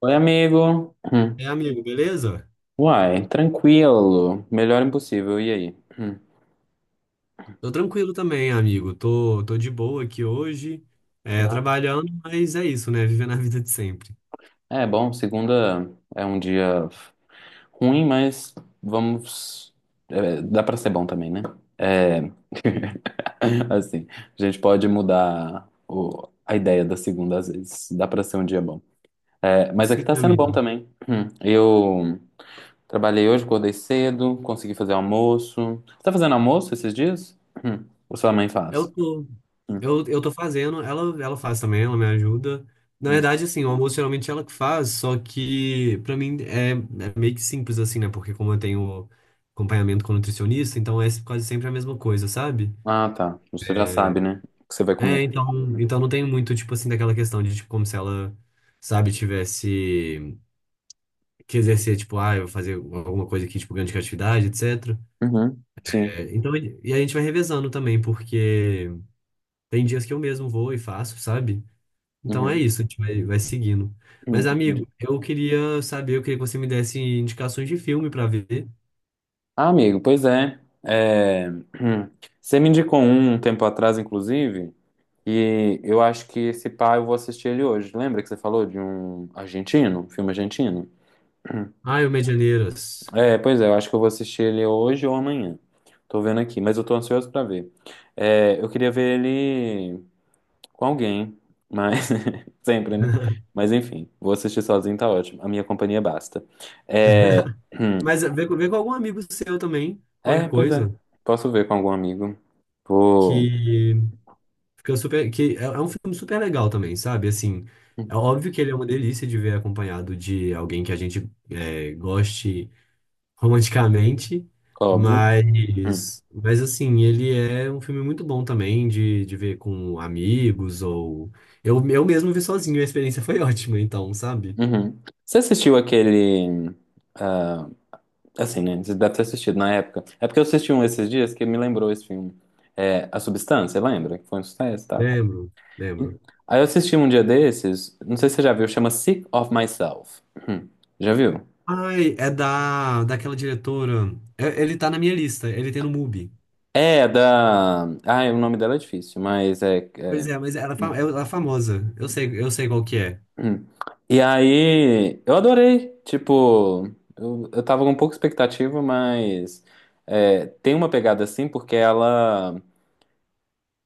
Oi, amigo. Hum. É, amigo, beleza? Uai, tranquilo. Melhor impossível. E aí? Hum. Tô tranquilo também, amigo. Tô de boa aqui hoje, é, Ah, trabalhando, mas é isso, né? Vivendo a vida de sempre. É bom, segunda é um dia ruim, mas vamos. É, dá pra ser bom também, né? É. Assim, a gente pode mudar a ideia da segunda às vezes. Dá pra ser um dia bom. É, mas aqui Sim, tá sendo bom amigo. também. Hum. Eu trabalhei hoje, acordei cedo, consegui fazer almoço. Você tá fazendo almoço esses dias? Hum. Ou sua mãe Eu faz? tô, Hum. eu tô fazendo, ela faz também, ela me ajuda. Na Hum. verdade, assim, o almoço geralmente ela que faz, só que pra mim é meio que simples, assim, né? Porque como eu tenho acompanhamento com nutricionista, então é quase sempre a mesma coisa, sabe? Ah, tá. Você já sabe, né? O que você vai comer. É, então não tem muito, tipo assim, daquela questão de, tipo, como se ela, sabe, tivesse que exercer, tipo, ah, eu vou fazer alguma coisa aqui, tipo, grande criatividade, etc. Uhum, sim. É, então, e a gente vai revezando também, porque tem dias que eu mesmo vou e faço, sabe? Então é Uhum, isso, a gente vai seguindo. Mas, entendi. amigo, eu queria saber, eu queria que você me desse indicações de filme pra ver. Ah, amigo, pois é. É, você me indicou um tempo atrás, inclusive, e eu acho que esse pá eu vou assistir ele hoje. Lembra que você falou de um argentino, um filme argentino? Ah, o Medianeiras. É, pois é, eu acho que eu vou assistir ele hoje ou amanhã. Tô vendo aqui, mas eu tô ansioso pra ver. É, eu queria ver ele com alguém, mas sempre, né? Mas enfim, vou assistir sozinho, tá ótimo. A minha companhia basta. É, hum, Mas vê com algum amigo seu também, é, qualquer pois é. coisa, Posso ver com algum amigo. Vou, que fica super, que é um filme super legal também, sabe? Assim, hum, é óbvio que ele é uma delícia de ver acompanhado de alguém que a gente goste romanticamente, óbvio. Hum, mas assim, ele é um filme muito bom também de ver com amigos ou... Eu mesmo vi sozinho, e a experiência foi ótima, então, sabe? uhum. Você assistiu aquele. ah, assim, né? Você deve ter assistido na época. É porque eu assisti um esses dias que me lembrou esse filme. É, A Substância, lembra? Que foi um sucesso e tal. Lembro, Hum. lembro. Aí eu assisti um dia desses, não sei se você já viu, chama Sick of Myself. Hum, Já viu? Ai, é daquela diretora... Ele tá na minha lista, ele tem no MUBI. É, da. Ai, o nome dela é difícil, mas é. Pois é- é, mas ela, Hum, é, ela é famosa, eu sei qual que é. hum. E aí, eu adorei. Tipo, eu tava com pouca expectativa, mas é, tem uma pegada assim, porque ela,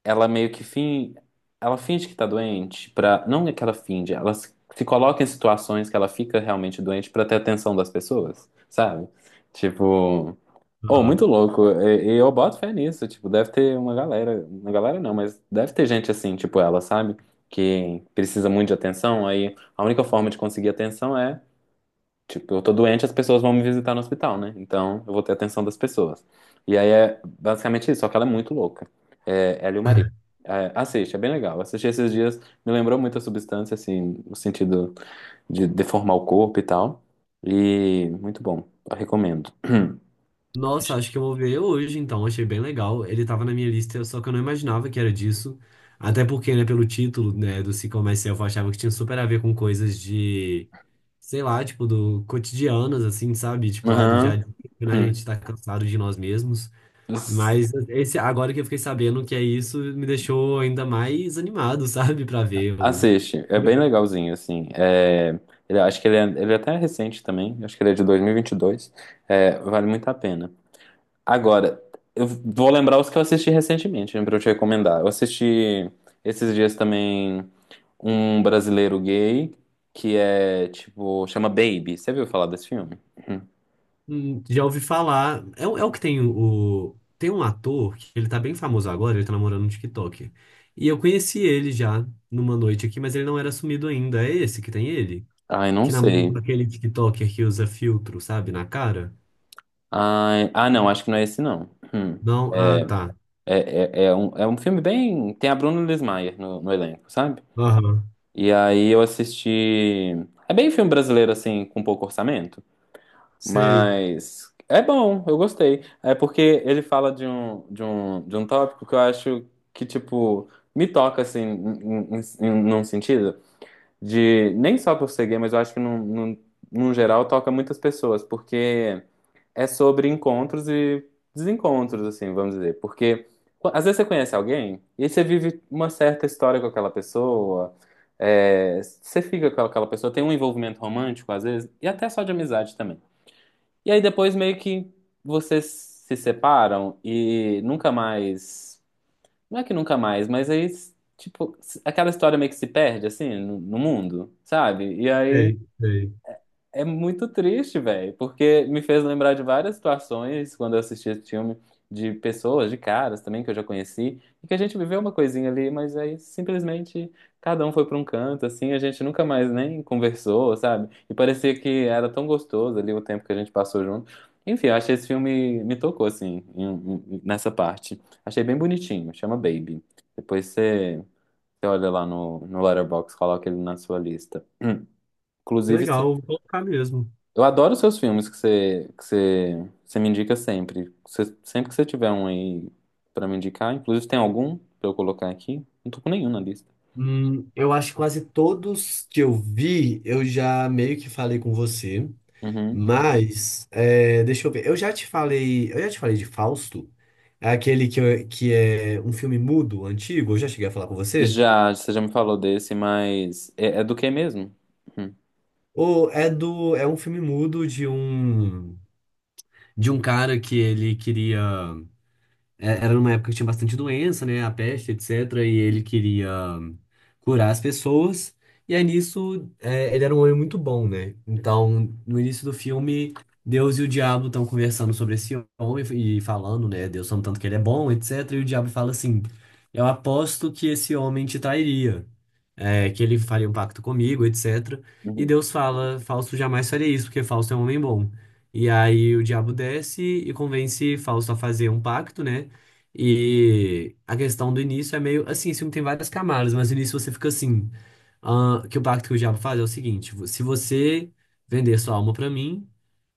ela meio que fin, ela finge que tá doente pra. Não é que ela finge, ela se coloca em situações que ela fica realmente doente pra ter atenção das pessoas, sabe? Tipo. Oh, muito louco. E eu boto fé nisso. Tipo, deve ter uma galera. Uma galera não, mas deve ter gente assim, tipo ela, sabe? Que precisa muito de atenção. Aí a única forma de conseguir atenção é, tipo, eu tô doente, as pessoas vão me visitar no hospital, né? Então eu vou ter atenção das pessoas. E aí é basicamente isso, só que ela é muito louca. É, ela e o marido. É, assiste, é bem legal. Assisti esses dias, me lembrou muito a substância, assim, no sentido de deformar o corpo e tal. E muito bom. Eu recomendo. Nossa, acho que eu vou ver hoje, então. Achei bem legal. Ele tava na minha lista, só que eu não imaginava que era disso. Até porque, né, pelo título, né, do Sick of Myself, eu achava que tinha super a ver com coisas de, sei lá, tipo, do cotidianas, assim, sabe? Tipo, ai, do dia a Aham. dia, né, a gente Hum. tá cansado de nós mesmos. S- Mas esse, agora que eu fiquei sabendo que é isso, me deixou ainda mais animado, sabe, pra ver. Eu, Assiste, é bem legalzinho, assim. É, acho que ele é até recente também, acho que ele é de 2022. É, vale muito a pena. Agora, eu vou lembrar os que eu assisti recentemente, né, pra eu te recomendar. Eu assisti esses dias também um brasileiro gay, que é, tipo, chama Baby. Você viu falar desse filme? Já ouvi falar. É, é o que tem o. Tem um ator que ele tá bem famoso agora, ele tá namorando no TikTok. E eu conheci ele já numa noite aqui, mas ele não era sumido ainda. É esse que tem ele? Ai, não Que namora com sei. aquele TikToker que usa filtro, sabe, na cara? Ai, ah, não, acho que não é esse, não. Hum. Não? Ah, tá. É um filme bem. Tem a Bruna Lismayer no elenco, sabe? Aham. E aí eu assisti. É bem filme brasileiro, assim, com pouco orçamento, Sei, mas é bom, eu gostei. É porque ele fala de um tópico que eu acho que, tipo, me toca, assim, num sentido de. Nem só por ser gay, mas eu acho que, num geral, toca muitas pessoas, porque é sobre encontros e desencontros, assim, vamos dizer. Porque às vezes você conhece alguém e você vive uma certa história com aquela pessoa, é, você fica com aquela pessoa, tem um envolvimento romântico às vezes, e até só de amizade também. E aí depois meio que vocês se separam e nunca mais. Não é que nunca mais, mas aí, tipo, aquela história meio que se perde, assim, no mundo, sabe? E aí sei, sei. é muito triste, velho, porque me fez lembrar de várias situações quando eu assisti esse filme, de pessoas, de caras também que eu já conheci, e que a gente viveu uma coisinha ali, mas aí simplesmente cada um foi pra um canto, assim, a gente nunca mais nem conversou, sabe? E parecia que era tão gostoso ali o tempo que a gente passou junto. Enfim, eu achei esse filme, me tocou, assim, nessa parte. Achei bem bonitinho, chama Baby. Depois você, você olha lá no Letterboxd, coloca ele na sua lista. Que Inclusive, legal, vou colocar mesmo. eu adoro os seus filmes que você, você me indica sempre. Sempre que você tiver um aí pra me indicar, inclusive tem algum pra eu colocar aqui? Não tô com nenhum na lista. Eu acho que quase todos que eu vi, eu já meio que falei com você. Uhum. Mas, é, deixa eu ver. Eu já te falei de Fausto, é aquele que, que é um filme mudo, antigo. Eu já cheguei a falar com você. Já, você já me falou desse, mas é, é do que mesmo? Uhum. Ou é um filme mudo de um cara que ele queria era numa época que tinha bastante doença, né? A peste, etc. E ele queria curar as pessoas. E aí nisso, é, ele era um homem muito bom, né? Então, no início do filme, Deus e o diabo estão conversando sobre esse homem e falando, né? Deus falando tanto que ele é bom, etc. E o diabo fala assim: eu aposto que esse homem te trairia, é, que ele faria um pacto comigo, etc. E Uhum. Deus fala: Fausto jamais faria isso, porque Fausto é um homem bom. E aí o diabo desce e convence Fausto a fazer um pacto, né? E a questão do início é meio assim, esse filme tem várias camadas, mas no início você fica assim, ah, que o pacto que o diabo faz é o seguinte, se você vender sua alma pra mim,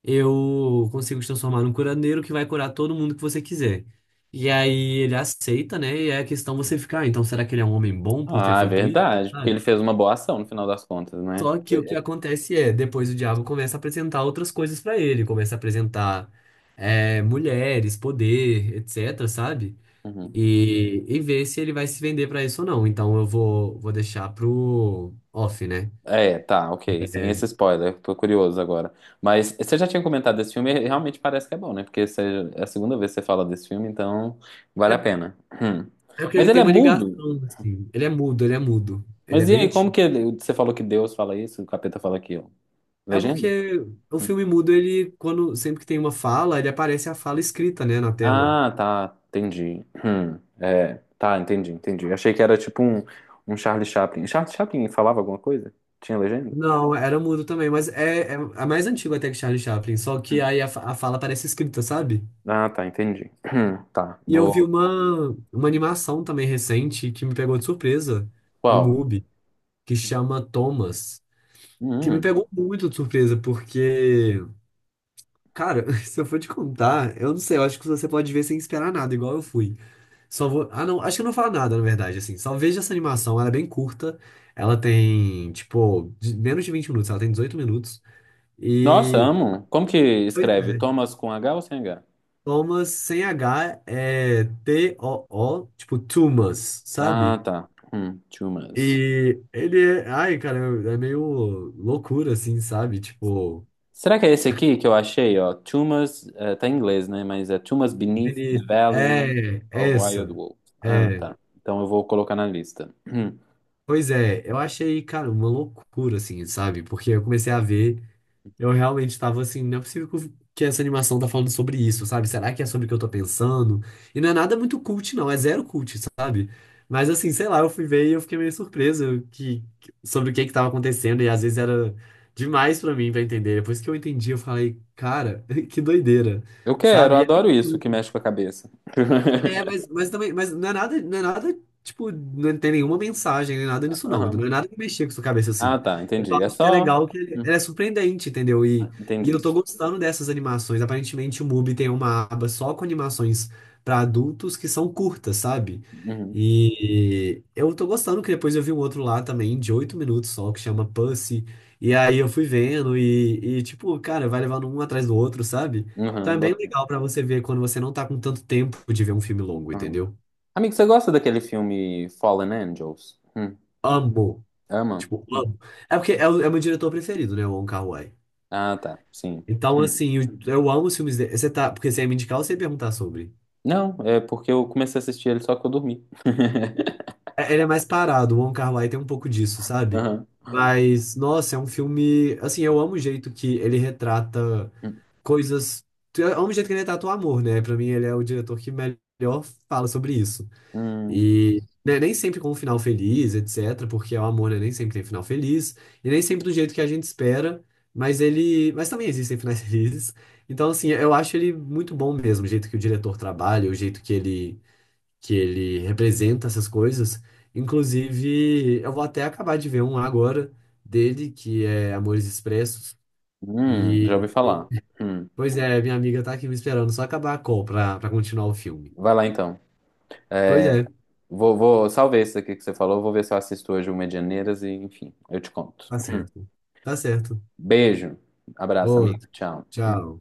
eu consigo te transformar num curandeiro que vai curar todo mundo que você quiser. E aí ele aceita, né? E aí a questão você fica, ah, então será que ele é um homem bom por ter Ah, é feito isso? verdade, porque Sabe? ele fez uma boa ação no final das contas, né? Só que o que acontece é, depois o diabo começa a apresentar outras coisas pra ele, começa a apresentar mulheres, poder, etc, sabe? Uhum. E ver se ele vai se vender pra isso ou não. Então eu vou deixar pro off, né? É, tá, ok. Sem esse spoiler, tô curioso agora. Mas você já tinha comentado desse filme, e realmente parece que é bom, né? Porque é a segunda vez que você fala desse filme, então vale a É, pena. Hum. é porque Mas ele ele tem é uma mudo? ligação, assim. Ele é mudo, ele é mudo. Ele é Mas e bem aí, como antigo. que você falou que Deus fala isso, o capeta fala aquilo? É Legenda? porque o Hum. filme mudo, ele, quando sempre que tem uma fala, ele aparece a fala escrita, né, na tela. Ah, tá, entendi. Hum. É, tá, entendi, entendi. Achei que era tipo um, um Charlie Chaplin. Charlie Chaplin falava alguma coisa? Tinha legenda? Não, era mudo também, mas é mais antigo até que Charlie Chaplin, só que aí a fala parece escrita, sabe? Ah, tá, entendi. Tá, E eu vi vou. uma animação também recente que me pegou de surpresa no Qual? MUBI, que chama Thomas. Que me pegou muito de surpresa, porque, cara, se eu for te contar, eu não sei, eu acho que você pode ver sem esperar nada, igual eu fui. Só vou. Ah, não, acho que eu não falo nada, na verdade, assim. Só veja essa animação, ela é bem curta. Ela tem, tipo, menos de 20 minutos, ela tem 18 minutos. Nossa, E. amo. Como que Pois escreve? é. Thomas com H ou sem H? Thomas sem H é T-O-O, tipo, Tumas, Ah, sabe? tá. Tumas. E ele é. Ai, cara, é meio loucura, assim, sabe? Tipo. Será que é esse aqui que eu achei, ó? Tumas, eh, tá em inglês, né? Mas é Tumas Beneath the Benito. Valley É, é of Wild essa. Wolves. Ah, É. tá. Então eu vou colocar na lista. Hum. Pois é, eu achei, cara, uma loucura, assim, sabe? Porque eu comecei a ver, eu realmente tava assim, não é possível que que essa animação tá falando sobre isso, sabe? Será que é sobre o que eu tô pensando? E não é nada muito cult, não, é zero cult, sabe? Mas assim, sei lá, eu fui ver e eu fiquei meio surpreso sobre o que que tava acontecendo, e às vezes era demais pra mim pra entender. Depois que eu entendi, eu falei, cara, que doideira, Eu quero, sabe? eu adoro isso que mexe com a cabeça. É, mas também, mas não é nada, não é nada, tipo, não tem nenhuma mensagem, nem nada nisso, não. Então, não Aham. é nada que mexer com sua cabeça Ah, assim. tá, Eu só entendi. É acho que é só. legal que Hum, ela é surpreendente, entendeu? E Entendi. eu tô gostando dessas animações. Aparentemente, o MUBI tem uma aba só com animações pra adultos que são curtas, sabe? Uhum. E eu tô gostando que depois eu vi um outro lá também, de 8 minutos só, que chama Pussy. E aí eu fui vendo e, tipo, cara, vai levando um atrás do outro, sabe? Então Uhum. é bem bota- legal pra você ver quando você não tá com tanto tempo de ver um filme longo, uhum. entendeu? Amigo, você gosta daquele filme Fallen Angels? Hum. Amo. Ama? Tipo, Hum. amo. É porque é o meu diretor preferido, né? O Wong Kar-wai. Ah, tá. Sim. Então, Hum. assim, eu amo os filmes dele. Você tá, porque você ia me indicar ou você ia perguntar sobre? Não, é porque eu comecei a assistir ele só que eu dormi. É, ele é mais parado, o Wong Kar-wai tem um pouco disso, sabe? Aham. Mas, nossa, é um filme. Assim, eu amo o jeito que ele retrata Hum, coisas. Eu amo o jeito que ele retrata o amor, né? Pra mim, ele é o diretor que melhor fala sobre isso. hum, E né, nem sempre com um final feliz, etc., porque o amor, né, nem sempre tem final feliz, e nem sempre do jeito que a gente espera, mas ele. Mas também existem finais felizes. Então, assim, eu acho ele muito bom mesmo, o jeito que o diretor trabalha, o jeito que ele, representa essas coisas. Inclusive, eu vou até acabar de ver um agora dele, que é Amores Expressos. Já E, ouvi e- falar. Hum. pois é, minha amiga tá aqui me esperando só acabar a call pra, continuar o filme. Vai lá então. Pois É, é, vou, salvei esse aqui que você falou, vou ver se eu assisto hoje o Medianeiras e, enfim, eu te conto. tá certo. Tá certo. Beijo, abraço, amigo, Outro. tchau. Tchau.